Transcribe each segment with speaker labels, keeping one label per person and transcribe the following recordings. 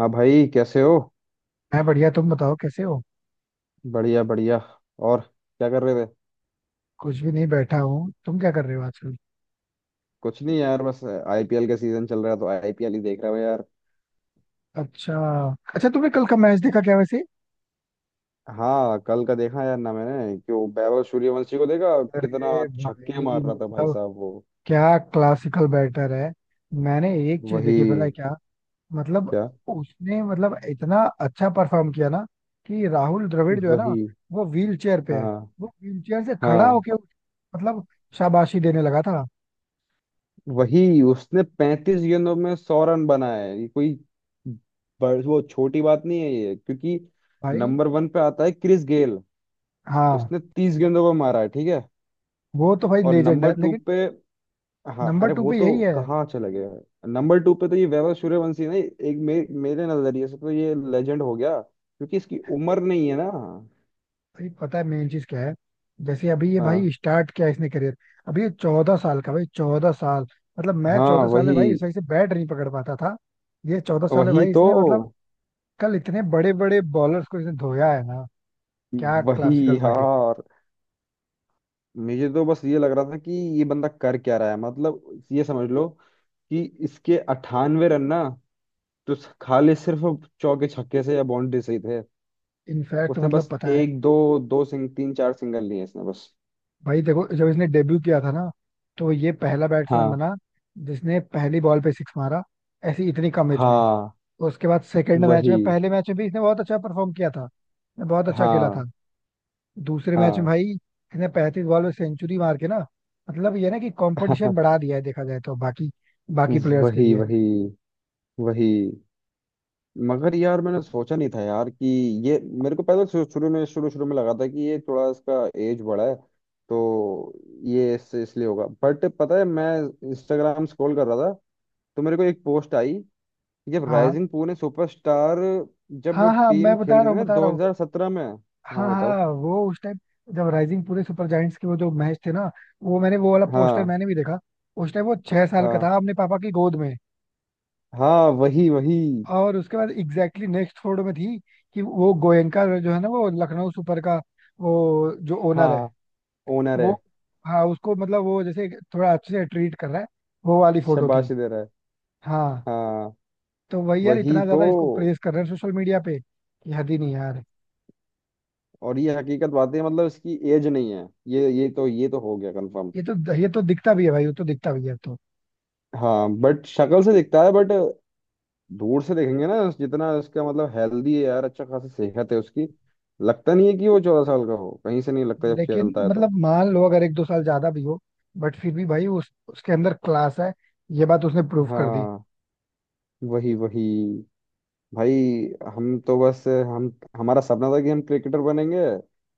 Speaker 1: हाँ भाई, कैसे हो?
Speaker 2: मैं बढ़िया। तुम बताओ कैसे हो।
Speaker 1: बढ़िया बढ़िया। और क्या कर रहे थे?
Speaker 2: कुछ भी नहीं, बैठा हूँ। तुम क्या कर रहे हो आजकल?
Speaker 1: कुछ नहीं यार, बस आईपीएल का सीजन चल रहा है तो आईपीएल ही देख रहा हूँ यार।
Speaker 2: अच्छा। अच्छा, तुमने कल का मैच देखा क्या वैसे?
Speaker 1: हाँ कल का देखा यार ना मैंने, कि वो वैभव सूर्यवंशी को देखा कितना
Speaker 2: अरे
Speaker 1: छक्के
Speaker 2: भाई
Speaker 1: मार रहा था भाई
Speaker 2: मतलब
Speaker 1: साहब वो।
Speaker 2: क्या क्लासिकल बैटर है। मैंने एक चीज देखी, पता है
Speaker 1: वही
Speaker 2: क्या? मतलब
Speaker 1: क्या?
Speaker 2: उसने मतलब इतना अच्छा परफॉर्म किया ना कि राहुल द्रविड़ जो है ना,
Speaker 1: वही।
Speaker 2: वो व्हील चेयर पे है,
Speaker 1: हाँ
Speaker 2: वो व्हील चेयर से खड़ा
Speaker 1: हाँ
Speaker 2: होके मतलब शाबाशी देने लगा था
Speaker 1: वही, उसने 35 गेंदों में 100 रन बनाए, ये कोई वो छोटी बात नहीं है ये, क्योंकि
Speaker 2: भाई।
Speaker 1: नंबर वन पे आता है क्रिस गेल,
Speaker 2: हाँ,
Speaker 1: उसने 30 गेंदों पर मारा है, ठीक है।
Speaker 2: वो तो भाई
Speaker 1: और
Speaker 2: लेजेंड
Speaker 1: नंबर
Speaker 2: है,
Speaker 1: टू
Speaker 2: लेकिन
Speaker 1: पे, हाँ
Speaker 2: नंबर
Speaker 1: अरे
Speaker 2: टू
Speaker 1: वो
Speaker 2: पे
Speaker 1: तो
Speaker 2: यही है।
Speaker 1: कहाँ चला गया है। नंबर टू पे तो ये वैभव सूर्यवंशी ना एक मेरे नजरिए से तो ये लेजेंड हो गया, क्योंकि इसकी उम्र नहीं है ना।
Speaker 2: भाई पता है मेन चीज क्या है। जैसे अभी ये
Speaker 1: हाँ
Speaker 2: भाई स्टार्ट किया इसने करियर। अभी ये 14 साल का भाई, चौदह साल। मतलब मैं
Speaker 1: हाँ
Speaker 2: चौदह साल में भाई
Speaker 1: वही।
Speaker 2: इस वजह से बैट नहीं पकड़ पाता था। ये चौदह साल में
Speaker 1: वही
Speaker 2: भाई
Speaker 1: तो
Speaker 2: इसने मतलब कल इतने बड़े बड़े बॉलर्स को इसने धोया है ना। क्या
Speaker 1: वही
Speaker 2: क्लासिकल बैटिंग है।
Speaker 1: यार, मुझे तो बस ये लग रहा था कि ये बंदा कर क्या रहा है, मतलब ये समझ लो कि इसके 98 रन ना तो खाली सिर्फ चौके छक्के से या बाउंड्री से ही थे।
Speaker 2: इनफैक्ट
Speaker 1: उसने
Speaker 2: मतलब
Speaker 1: बस
Speaker 2: पता है।
Speaker 1: एक दो दो सिंग तीन चार सिंगल लिए इसने बस।
Speaker 2: भाई देखो, जब इसने डेब्यू किया था ना, तो ये पहला बैट्समैन
Speaker 1: हाँ
Speaker 2: बना जिसने पहली बॉल पे सिक्स मारा, ऐसी इतनी कम एज में।
Speaker 1: हाँ
Speaker 2: उसके बाद सेकेंड मैच में,
Speaker 1: वही।
Speaker 2: पहले मैच में भी इसने बहुत अच्छा परफॉर्म किया था, इसने बहुत अच्छा खेला था।
Speaker 1: हाँ
Speaker 2: दूसरे मैच में
Speaker 1: हाँ
Speaker 2: भाई इसने 35 बॉल में सेंचुरी मार के ना मतलब ये ना कि कंपटीशन बढ़ा दिया है देखा जाए तो बाकी, बाकी प्लेयर्स के
Speaker 1: वही
Speaker 2: लिए।
Speaker 1: वही वही। मगर यार मैंने सोचा नहीं था यार कि ये मेरे को पहले शु- शुरू में शुरू शुरू में लगा था कि ये थोड़ा इसका एज बड़ा है, तो ये इससे इसलिए होगा, बट पता है मैं इंस्टाग्राम स्क्रॉल कर रहा था तो मेरे को एक पोस्ट आई कि जब
Speaker 2: हाँ
Speaker 1: राइजिंग पुणे सुपरस्टार, जब
Speaker 2: हाँ, हाँ
Speaker 1: टीम
Speaker 2: मैं
Speaker 1: खेल
Speaker 2: बता रहा
Speaker 1: रही थी
Speaker 2: हूँ
Speaker 1: ना
Speaker 2: बता रहा हूँ।
Speaker 1: 2017 में।
Speaker 2: हाँ
Speaker 1: हाँ बताओ।
Speaker 2: हाँ, वो उस टाइम जब राइजिंग पूरे सुपर जायंट्स के वो जो मैच थे ना, वो मैंने वो वाला पोस्टर
Speaker 1: हाँ
Speaker 2: मैंने भी देखा। उस टाइम वो 6 साल का
Speaker 1: हाँ।
Speaker 2: था, अपने पापा की गोद में।
Speaker 1: हाँ वही वही।
Speaker 2: और उसके बाद एग्जैक्टली नेक्स्ट फोटो में थी कि वो गोयनका जो है ना, वो लखनऊ सुपर का, वो जो ओनर है,
Speaker 1: हाँ ओनर है।
Speaker 2: वो, हाँ उसको मतलब वो जैसे थोड़ा अच्छे से ट्रीट कर रहा है, वो वाली फोटो थी।
Speaker 1: शाबाश दे रहा है।
Speaker 2: हाँ।
Speaker 1: हाँ
Speaker 2: तो वही यार,
Speaker 1: वही
Speaker 2: इतना
Speaker 1: तो।
Speaker 2: ज्यादा इसको प्रेस कर रहे हैं सोशल मीडिया पे कि हद ही नहीं यार।
Speaker 1: और ये हकीकत बातें हैं, मतलब इसकी एज नहीं है, ये तो ये तो हो गया कंफर्म।
Speaker 2: ये तो दिखता भी है भाई, वो तो दिखता भी है अब तो।
Speaker 1: हाँ बट शक्ल से दिखता है, बट दूर से देखेंगे ना जितना इसका मतलब हेल्दी है यार, अच्छा खासा सेहत है उसकी, लगता नहीं है कि वो 14 साल का हो, कहीं से नहीं लगता जब
Speaker 2: लेकिन
Speaker 1: खेलता है तो।
Speaker 2: मतलब मान लो अगर एक दो साल ज्यादा भी हो, बट फिर भी भाई उस उसके अंदर क्लास है, ये बात उसने प्रूव कर दी।
Speaker 1: हाँ वही वही। भाई हम तो बस हम हमारा सपना था कि हम क्रिकेटर बनेंगे,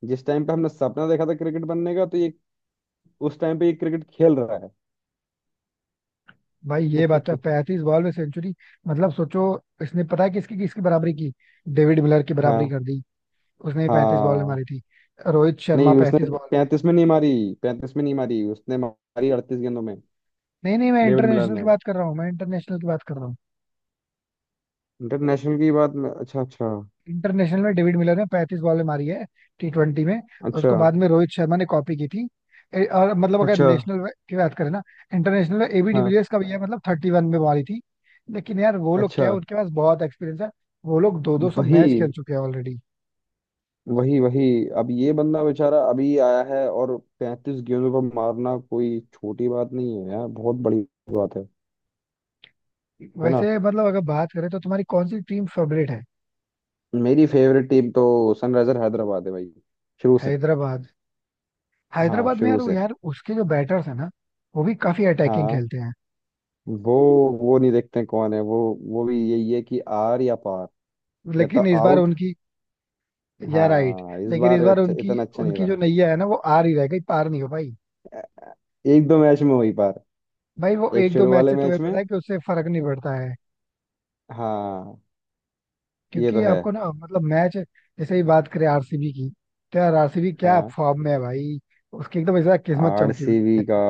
Speaker 1: जिस टाइम पे हमने सपना देखा था क्रिकेट बनने का, तो ये उस टाइम पे ये क्रिकेट खेल रहा है।
Speaker 2: भाई ये बात तो है, पैंतीस बॉल में सेंचुरी, मतलब सोचो। इसने पता है किसकी किसकी बराबरी की? डेविड मिलर की बराबरी
Speaker 1: हाँ
Speaker 2: कर दी। उसने पैंतीस बॉल में
Speaker 1: हाँ।
Speaker 2: मारी थी। रोहित शर्मा
Speaker 1: नहीं उसने
Speaker 2: पैंतीस बॉल।
Speaker 1: पैंतीस में नहीं मारी, पैंतीस में नहीं मारी, उसने मारी 38 गेंदों में,
Speaker 2: नहीं नहीं, मैं
Speaker 1: डेविड मिलर
Speaker 2: इंटरनेशनल की
Speaker 1: ने।
Speaker 2: बात कर रहा हूँ, मैं इंटरनेशनल की बात कर रहा हूँ।
Speaker 1: इंटरनेशनल की बात में अच्छा अच्छा।
Speaker 2: इंटरनेशनल में डेविड मिलर ने पैंतीस बॉलें मारी है, T20 में। और
Speaker 1: अच्छा
Speaker 2: उसको बाद में रोहित शर्मा ने कॉपी की थी। और मतलब अगर
Speaker 1: अच्छा।
Speaker 2: नेशनल की बात करें ना। इंटरनेशनल में एबी
Speaker 1: हाँ।
Speaker 2: डिविलियर्स का भी है, मतलब 31 में मारी थी। लेकिन यार वो लोग
Speaker 1: अच्छा।
Speaker 2: क्या है, उनके पास बहुत एक्सपीरियंस है। वो लोग दो दो सौ मैच खेल
Speaker 1: वही
Speaker 2: चुके हैं ऑलरेडी।
Speaker 1: वही वही। अब ये बंदा बेचारा अभी आया है, और 35 गेंदों पर मारना कोई छोटी बात नहीं है यार, बहुत बड़ी बात है। है ना?
Speaker 2: वैसे मतलब अगर बात करें तो तुम्हारी कौन सी टीम फेवरेट है?
Speaker 1: मेरी फेवरेट टीम तो सनराइजर हैदराबाद है भाई, शुरू से।
Speaker 2: हैदराबाद।
Speaker 1: हाँ
Speaker 2: हैदराबाद में
Speaker 1: शुरू
Speaker 2: यार, वो
Speaker 1: से।
Speaker 2: यार उसके जो बैटर्स है ना, वो भी काफी अटैकिंग
Speaker 1: हाँ
Speaker 2: खेलते हैं।
Speaker 1: वो वो नहीं देखते कौन है वो भी यही है कि आर या पार, या तो
Speaker 2: लेकिन इस बार
Speaker 1: आउट।
Speaker 2: उनकी, या राइट।
Speaker 1: हाँ इस
Speaker 2: लेकिन
Speaker 1: बार
Speaker 2: इस बार
Speaker 1: अच्छा
Speaker 2: उनकी
Speaker 1: इतना अच्छा नहीं
Speaker 2: उनकी जो
Speaker 1: रहा,
Speaker 2: नैया है ना, वो आर ही रह गई, पार नहीं हो भाई।
Speaker 1: एक दो मैच में हुई पार।
Speaker 2: भाई वो
Speaker 1: एक
Speaker 2: एक दो
Speaker 1: शुरू
Speaker 2: मैच
Speaker 1: वाले
Speaker 2: से
Speaker 1: मैच
Speaker 2: तुम्हें
Speaker 1: में
Speaker 2: पता है कि उससे फर्क नहीं पड़ता है।
Speaker 1: हाँ। ये तो
Speaker 2: क्योंकि
Speaker 1: है।
Speaker 2: आपको ना मतलब मैच जैसे ही बात करें आरसीबी की, तो यार आरसीबी क्या
Speaker 1: हाँ
Speaker 2: फॉर्म में है भाई! उसकी एकदम ऐसा किस्मत चमकी हुई
Speaker 1: आरसीबी का।
Speaker 2: है।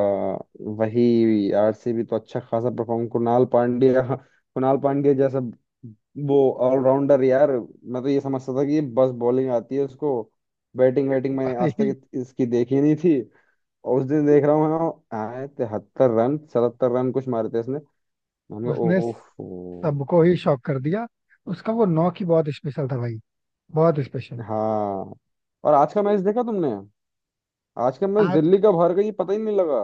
Speaker 1: वही, आरसीबी तो अच्छा खासा परफॉर्म, कुणाल पांड्या, कुणाल पांड्या जैसा वो ऑलराउंडर यार। मैं तो ये समझता था कि बस बॉलिंग आती है उसको, बैटिंग बैटिंग मैंने
Speaker 2: भाई
Speaker 1: आज तक इसकी देखी नहीं थी। और उस दिन देख रहा हूँ, हाँ आए 73 रन 77 रन कुछ मारे थे इसने, मैंने कहा
Speaker 2: उसने
Speaker 1: ओफ।
Speaker 2: सबको ही शॉक कर दिया। उसका वो नॉक ही बहुत स्पेशल था भाई, बहुत स्पेशल।
Speaker 1: हाँ और आज का मैच देखा तुमने? आज का मैच
Speaker 2: आज,
Speaker 1: दिल्ली कब हार गई पता ही नहीं लगा।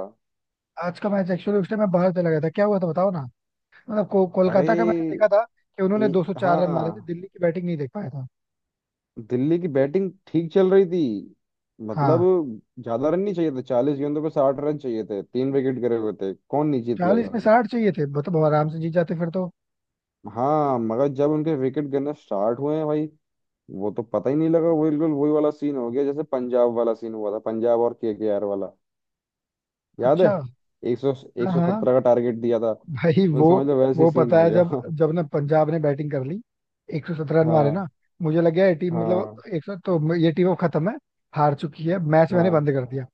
Speaker 2: आज का मैच एक्चुअली उस टाइम मैं बाहर चला गया था, क्या हुआ था बताओ ना। मतलब
Speaker 1: अरे
Speaker 2: कोलकाता का मैंने देखा था कि
Speaker 1: ये,
Speaker 2: उन्होंने 204 रन मारे थे,
Speaker 1: हाँ
Speaker 2: दिल्ली की बैटिंग नहीं देख पाया था।
Speaker 1: दिल्ली की बैटिंग ठीक चल रही थी, मतलब
Speaker 2: हाँ।
Speaker 1: ज्यादा रन नहीं चाहिए थे, 40 गेंदों पे 60 रन चाहिए थे, तीन विकेट गिरे हुए थे, कौन नहीं जीत
Speaker 2: चालीस
Speaker 1: लेगा।
Speaker 2: में साठ चाहिए थे, मतलब आराम से जीत जाते फिर तो।
Speaker 1: हाँ मगर जब उनके विकेट गिरना स्टार्ट हुए हैं भाई, वो तो पता ही नहीं लगा, वो बिल्कुल वही वाला सीन हो गया जैसे पंजाब वाला सीन हुआ था, पंजाब और केकेआर वाला, याद है?
Speaker 2: अच्छा।
Speaker 1: एक सौ, एक
Speaker 2: हाँ
Speaker 1: सौ
Speaker 2: हाँ,
Speaker 1: सत्रह का टारगेट दिया था,
Speaker 2: भाई
Speaker 1: वो
Speaker 2: वो
Speaker 1: समझ लो वैसे
Speaker 2: वो
Speaker 1: सीन
Speaker 2: पता
Speaker 1: हो
Speaker 2: है,
Speaker 1: गया।
Speaker 2: जब जब ना पंजाब ने बैटिंग कर ली, 117 रन मारे
Speaker 1: हाँ
Speaker 2: ना, मुझे लग गया ये टीम मतलब,
Speaker 1: हाँ
Speaker 2: एक सौ तो ये टीम अब खत्म है, हार चुकी है मैच, मैंने
Speaker 1: हाँ
Speaker 2: बंद कर दिया।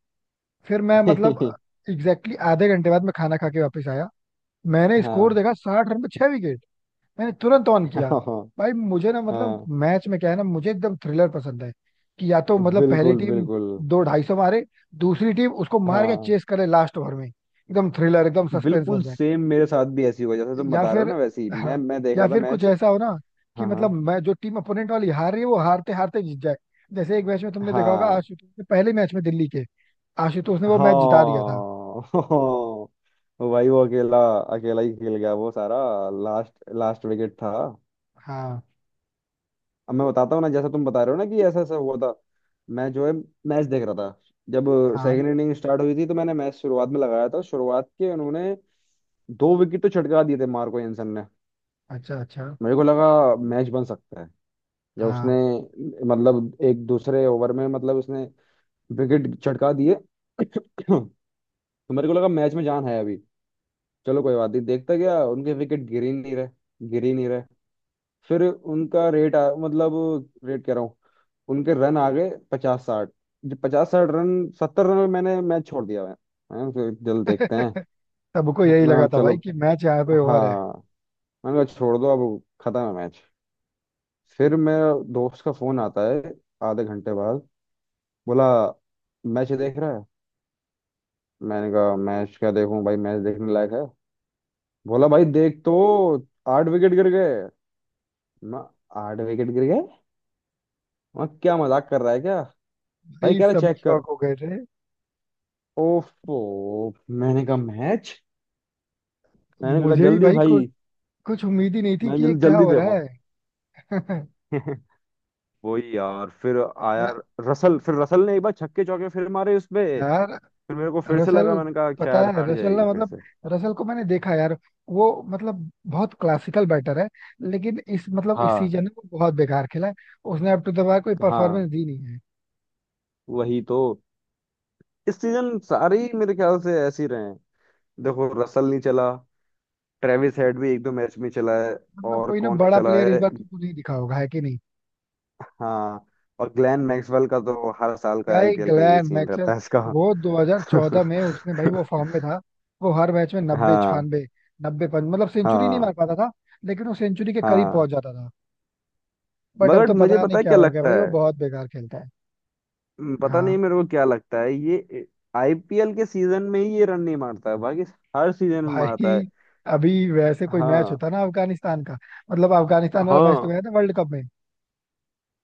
Speaker 2: फिर मैं मतलब एग्जैक्टली आधे घंटे बाद मैं खाना खा के वापस आया। मैंने स्कोर
Speaker 1: हाँ
Speaker 2: देखा, साठ रन पे छह विकेट। मैंने तुरंत ऑन
Speaker 1: हाँ
Speaker 2: किया। भाई मुझे ना मतलब
Speaker 1: हाँ
Speaker 2: मैच में क्या है ना, मुझे एकदम थ्रिलर पसंद है कि या तो मतलब पहली
Speaker 1: बिल्कुल
Speaker 2: टीम
Speaker 1: बिल्कुल।
Speaker 2: दो ढाई सौ मारे, दूसरी टीम उसको मार के
Speaker 1: हाँ
Speaker 2: चेस करे, लास्ट ओवर में एकदम थ्रिलर एकदम सस्पेंस हो
Speaker 1: बिल्कुल
Speaker 2: जाए।
Speaker 1: सेम मेरे साथ भी ऐसी हुआ जैसे तुम
Speaker 2: या
Speaker 1: बता रहे हो
Speaker 2: फिर,
Speaker 1: ना वैसी ही। मैं
Speaker 2: हाँ,
Speaker 1: मैं देख
Speaker 2: या
Speaker 1: रहा था
Speaker 2: फिर कुछ
Speaker 1: मैच।
Speaker 2: ऐसा हो ना कि
Speaker 1: हाँ हाँ
Speaker 2: मतलब मैं जो टीम अपोनेंट वाली हार रही है वो हारते हारते जीत जाए। जैसे एक मैच में तुमने देखा होगा
Speaker 1: हाँ
Speaker 2: आशुतोष ने, पहले मैच में दिल्ली के, आशुतोष ने वो मैच जिता दिया था।
Speaker 1: हाँ। भाई वो अकेला अकेला ही खेल गया वो सारा, लास्ट, लास्ट विकेट था।
Speaker 2: हाँ
Speaker 1: अब मैं बताता हूँ ना जैसा तुम बता रहे हो ना कि ऐसा ऐसा हुआ था, मैं जो है मैच देख रहा था, जब
Speaker 2: हाँ।
Speaker 1: सेकंड इनिंग स्टार्ट हुई थी, तो मैंने मैच शुरुआत में लगाया था, शुरुआत के उन्होंने दो विकेट तो छटका दिए थे मार्को एंसन ने।
Speaker 2: अच्छा अच्छा।
Speaker 1: मेरे को लगा मैच बन सकता है, या उसने
Speaker 2: हाँ।
Speaker 1: मतलब एक दूसरे ओवर में मतलब उसने विकेट छटका दिए तो मेरे को लगा मैच में जान है अभी। चलो कोई बात नहीं देखता गया, उनके विकेट गिर ही नहीं रहे, गिर ही नहीं रहे। फिर उनका रेट मतलब रेट कह रहा हूँ, उनके रन आ गए पचास साठ, जो पचास साठ रन सत्तर रन में मैंने मैच छोड़ दिया, मैं फिर जल्द देखते हैं,
Speaker 2: सबको यही
Speaker 1: मैं
Speaker 2: लगा था
Speaker 1: चलो।
Speaker 2: भाई कि मैच यहाँ पे ओवर है।
Speaker 1: हाँ मैंने कहा छोड़ दो अब खत्म है मैच। फिर मेरा दोस्त का फोन आता है आधे घंटे बाद, बोला मैच देख रहा है? मैंने कहा मैच क्या देखूं भाई, मैच देखने लायक है? बोला भाई देख तो, 8 विकेट गिर गए। मैं, 8 विकेट गिर गए? मैं क्या, मजाक कर रहा है क्या? भाई
Speaker 2: भाई
Speaker 1: कह रहा
Speaker 2: सभी
Speaker 1: चेक कर,
Speaker 2: शौक हो गए थे।
Speaker 1: ओफो। मैंने कहा मैच, मैंने कहा
Speaker 2: मुझे भी
Speaker 1: जल्दी
Speaker 2: भाई
Speaker 1: भाई।
Speaker 2: कुछ उम्मीद ही नहीं थी कि
Speaker 1: मैंने
Speaker 2: ये
Speaker 1: जल्दी
Speaker 2: क्या
Speaker 1: जल्दी
Speaker 2: हो रहा
Speaker 1: देखो।
Speaker 2: है।
Speaker 1: वही यार फिर आया
Speaker 2: या,
Speaker 1: रसल, फिर रसल ने एक बार छक्के चौके फिर मारे उसपे।
Speaker 2: यार
Speaker 1: फिर मेरे को फिर से लगा,
Speaker 2: रसल,
Speaker 1: मैंने कहा
Speaker 2: पता
Speaker 1: शायद
Speaker 2: है
Speaker 1: हार
Speaker 2: रसल ना
Speaker 1: जाएगी फिर
Speaker 2: मतलब,
Speaker 1: से।
Speaker 2: रसल को मैंने देखा यार, वो मतलब बहुत क्लासिकल बैटर है लेकिन इस मतलब इस
Speaker 1: हाँ
Speaker 2: सीजन में वो बहुत बेकार खेला है। उसने अब टू द बार कोई
Speaker 1: हाँ
Speaker 2: परफॉर्मेंस दी नहीं है।
Speaker 1: वही तो। इस सीजन सारे ही मेरे ख्याल से ऐसे ही रहे हैं, देखो रसल नहीं चला, ट्रेविस हेड भी एक दो मैच में चला है,
Speaker 2: मतलब
Speaker 1: और
Speaker 2: कोई ना
Speaker 1: कौन नहीं
Speaker 2: बड़ा
Speaker 1: चला
Speaker 2: प्लेयर इस
Speaker 1: है।
Speaker 2: बार तुमको नहीं दिखा होगा, है कि नहीं?
Speaker 1: हाँ और ग्लेन मैक्सवेल का तो हर साल का
Speaker 2: गाय
Speaker 1: आईपीएल का यही
Speaker 2: ग्लैन
Speaker 1: सीन
Speaker 2: मैक्सवेल,
Speaker 1: रहता है इसका।
Speaker 2: वो 2014 में उसने भाई वो फॉर्म में था। वो हर मैच में नब्बे
Speaker 1: हाँ
Speaker 2: छियानवे, नब्बे पर मतलब सेंचुरी नहीं
Speaker 1: हाँ
Speaker 2: मार पाता था, लेकिन वो सेंचुरी के करीब
Speaker 1: हाँ
Speaker 2: पहुंच जाता था। बट अब
Speaker 1: मगर
Speaker 2: तो
Speaker 1: मुझे
Speaker 2: पता नहीं
Speaker 1: पता है
Speaker 2: क्या
Speaker 1: क्या
Speaker 2: हो गया भाई,
Speaker 1: लगता
Speaker 2: वो
Speaker 1: है,
Speaker 2: बहुत बेकार खेलता है।
Speaker 1: पता
Speaker 2: हाँ
Speaker 1: नहीं मेरे को क्या लगता है, ये आईपीएल के सीजन में ही ये रन नहीं मारता है, बाकी हर सीजन में मारता
Speaker 2: भाई।
Speaker 1: है।
Speaker 2: अभी वैसे कोई मैच
Speaker 1: हाँ
Speaker 2: होता ना अफगानिस्तान का, मतलब अफगानिस्तान वाला मैच तो
Speaker 1: हाँ
Speaker 2: गया था वर्ल्ड कप में।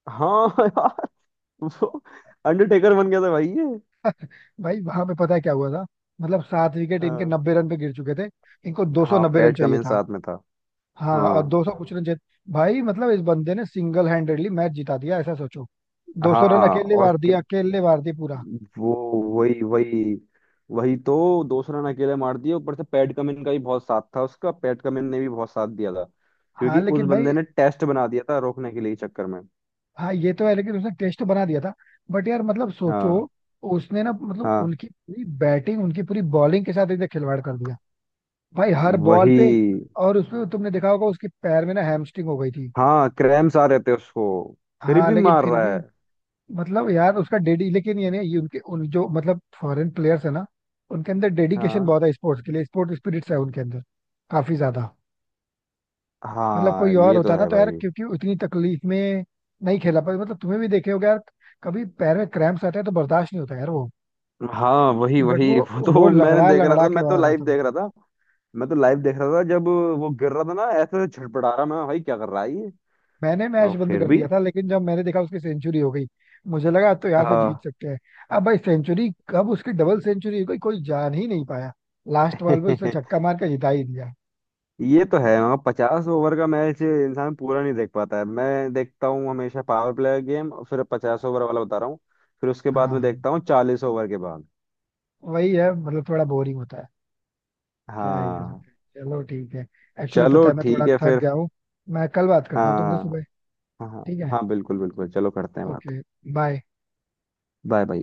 Speaker 1: हाँ यार वो अंडरटेकर बन गया था भाई ये।
Speaker 2: भाई वहां पे पता है क्या हुआ था? मतलब 7 विकेट इनके
Speaker 1: हाँ
Speaker 2: नब्बे रन पे गिर चुके थे, इनको दो सौ
Speaker 1: हाँ
Speaker 2: नब्बे रन
Speaker 1: पैट
Speaker 2: चाहिए
Speaker 1: कमिंस
Speaker 2: था।
Speaker 1: साथ में था।
Speaker 2: हाँ, और
Speaker 1: हाँ
Speaker 2: 200 कुछ रन जीत, भाई मतलब इस बंदे ने सिंगल हैंडेडली मैच जिता दिया, ऐसा सोचो। 200 रन
Speaker 1: हाँ
Speaker 2: अकेले
Speaker 1: और
Speaker 2: मार दिया, अकेले मार दिया पूरा।
Speaker 1: वो वही वही। वही तो दो रन अकेले मार दिए, ऊपर से पैट कमिंस का भी बहुत साथ था उसका, पैट कमिंस ने भी बहुत साथ दिया था,
Speaker 2: हाँ
Speaker 1: क्योंकि उस
Speaker 2: लेकिन
Speaker 1: बंदे
Speaker 2: भाई,
Speaker 1: ने टेस्ट बना दिया था रोकने के लिए इस चक्कर में।
Speaker 2: हाँ ये तो है, लेकिन उसने टेस्ट तो बना दिया था, बट यार मतलब सोचो,
Speaker 1: हाँ
Speaker 2: उसने ना मतलब
Speaker 1: हाँ
Speaker 2: उनकी पूरी बैटिंग उनकी पूरी बॉलिंग के साथ एकदम खिलवाड़ कर दिया भाई, हर बॉल
Speaker 1: वही।
Speaker 2: पे। और उसमें तुमने देखा होगा उसके पैर में ना हैमस्ट्रिंग हो गई थी।
Speaker 1: हाँ क्रैम्स आ रहे थे उसको, फिर
Speaker 2: हाँ,
Speaker 1: भी
Speaker 2: लेकिन
Speaker 1: मार
Speaker 2: फिर
Speaker 1: रहा
Speaker 2: भी
Speaker 1: है।
Speaker 2: मतलब यार उसका डेडी, लेकिन ये नहीं, ये उनके उन जो मतलब फॉरेन प्लेयर्स है ना, उनके अंदर डेडिकेशन
Speaker 1: हाँ
Speaker 2: बहुत है स्पोर्ट्स के लिए, स्पोर्ट स्पिरिट्स है उनके अंदर, काफी ज्यादा। मतलब
Speaker 1: हाँ
Speaker 2: कोई और
Speaker 1: ये तो
Speaker 2: होता ना
Speaker 1: है
Speaker 2: तो यार,
Speaker 1: भाई।
Speaker 2: क्योंकि उतनी तकलीफ में नहीं खेला पाते, मतलब तुम्हें भी देखे होगे यार, कभी पैर में क्रैम्प्स आते हैं तो बर्दाश्त नहीं होता यार वो।
Speaker 1: हाँ वही
Speaker 2: बट वो
Speaker 1: वही, वो
Speaker 2: वो
Speaker 1: तो मैंने
Speaker 2: लंगड़ा
Speaker 1: देख रहा
Speaker 2: लंगड़ा
Speaker 1: था,
Speaker 2: के
Speaker 1: मैं तो
Speaker 2: बाहर
Speaker 1: लाइव
Speaker 2: आता था।
Speaker 1: देख रहा था। मैं तो लाइव देख रहा था जब वो गिर रहा था ना, ऐसे छटपटा रहा, मैं भाई क्या कर रहा है ये,
Speaker 2: मैंने मैच
Speaker 1: और
Speaker 2: बंद
Speaker 1: फिर
Speaker 2: कर
Speaker 1: भी।
Speaker 2: दिया था, लेकिन जब मैंने देखा उसकी सेंचुरी हो गई, मुझे लगा तो यहाँ से जीत
Speaker 1: हाँ
Speaker 2: सकते हैं। अब भाई सेंचुरी, कब उसकी डबल सेंचुरी हो गई कोई जान ही नहीं पाया, लास्ट बॉल पे उसने छक्का मार के जिता ही दिया।
Speaker 1: ये तो है, मगर 50 ओवर का मैच इंसान पूरा नहीं देख पाता है, मैं देखता हूँ हमेशा पावर प्ले गेम, फिर 50 ओवर वाला बता रहा हूँ, फिर उसके बाद
Speaker 2: हाँ
Speaker 1: मैं
Speaker 2: हाँ।
Speaker 1: देखता हूँ 40 ओवर के बाद।
Speaker 2: वही है, मतलब थोड़ा बोरिंग होता है, क्या है कर
Speaker 1: हाँ
Speaker 2: सकते हैं। चलो ठीक है। एक्चुअली
Speaker 1: चलो
Speaker 2: पता है मैं
Speaker 1: ठीक
Speaker 2: थोड़ा
Speaker 1: है
Speaker 2: थक
Speaker 1: फिर।
Speaker 2: गया हूँ, मैं कल बात करता हूँ तुमसे
Speaker 1: हाँ
Speaker 2: सुबह।
Speaker 1: हाँ हाँ।
Speaker 2: ठीक है।
Speaker 1: हाँ, बिल्कुल बिल्कुल चलो करते हैं बात।
Speaker 2: ओके। बाय।
Speaker 1: Bye bye.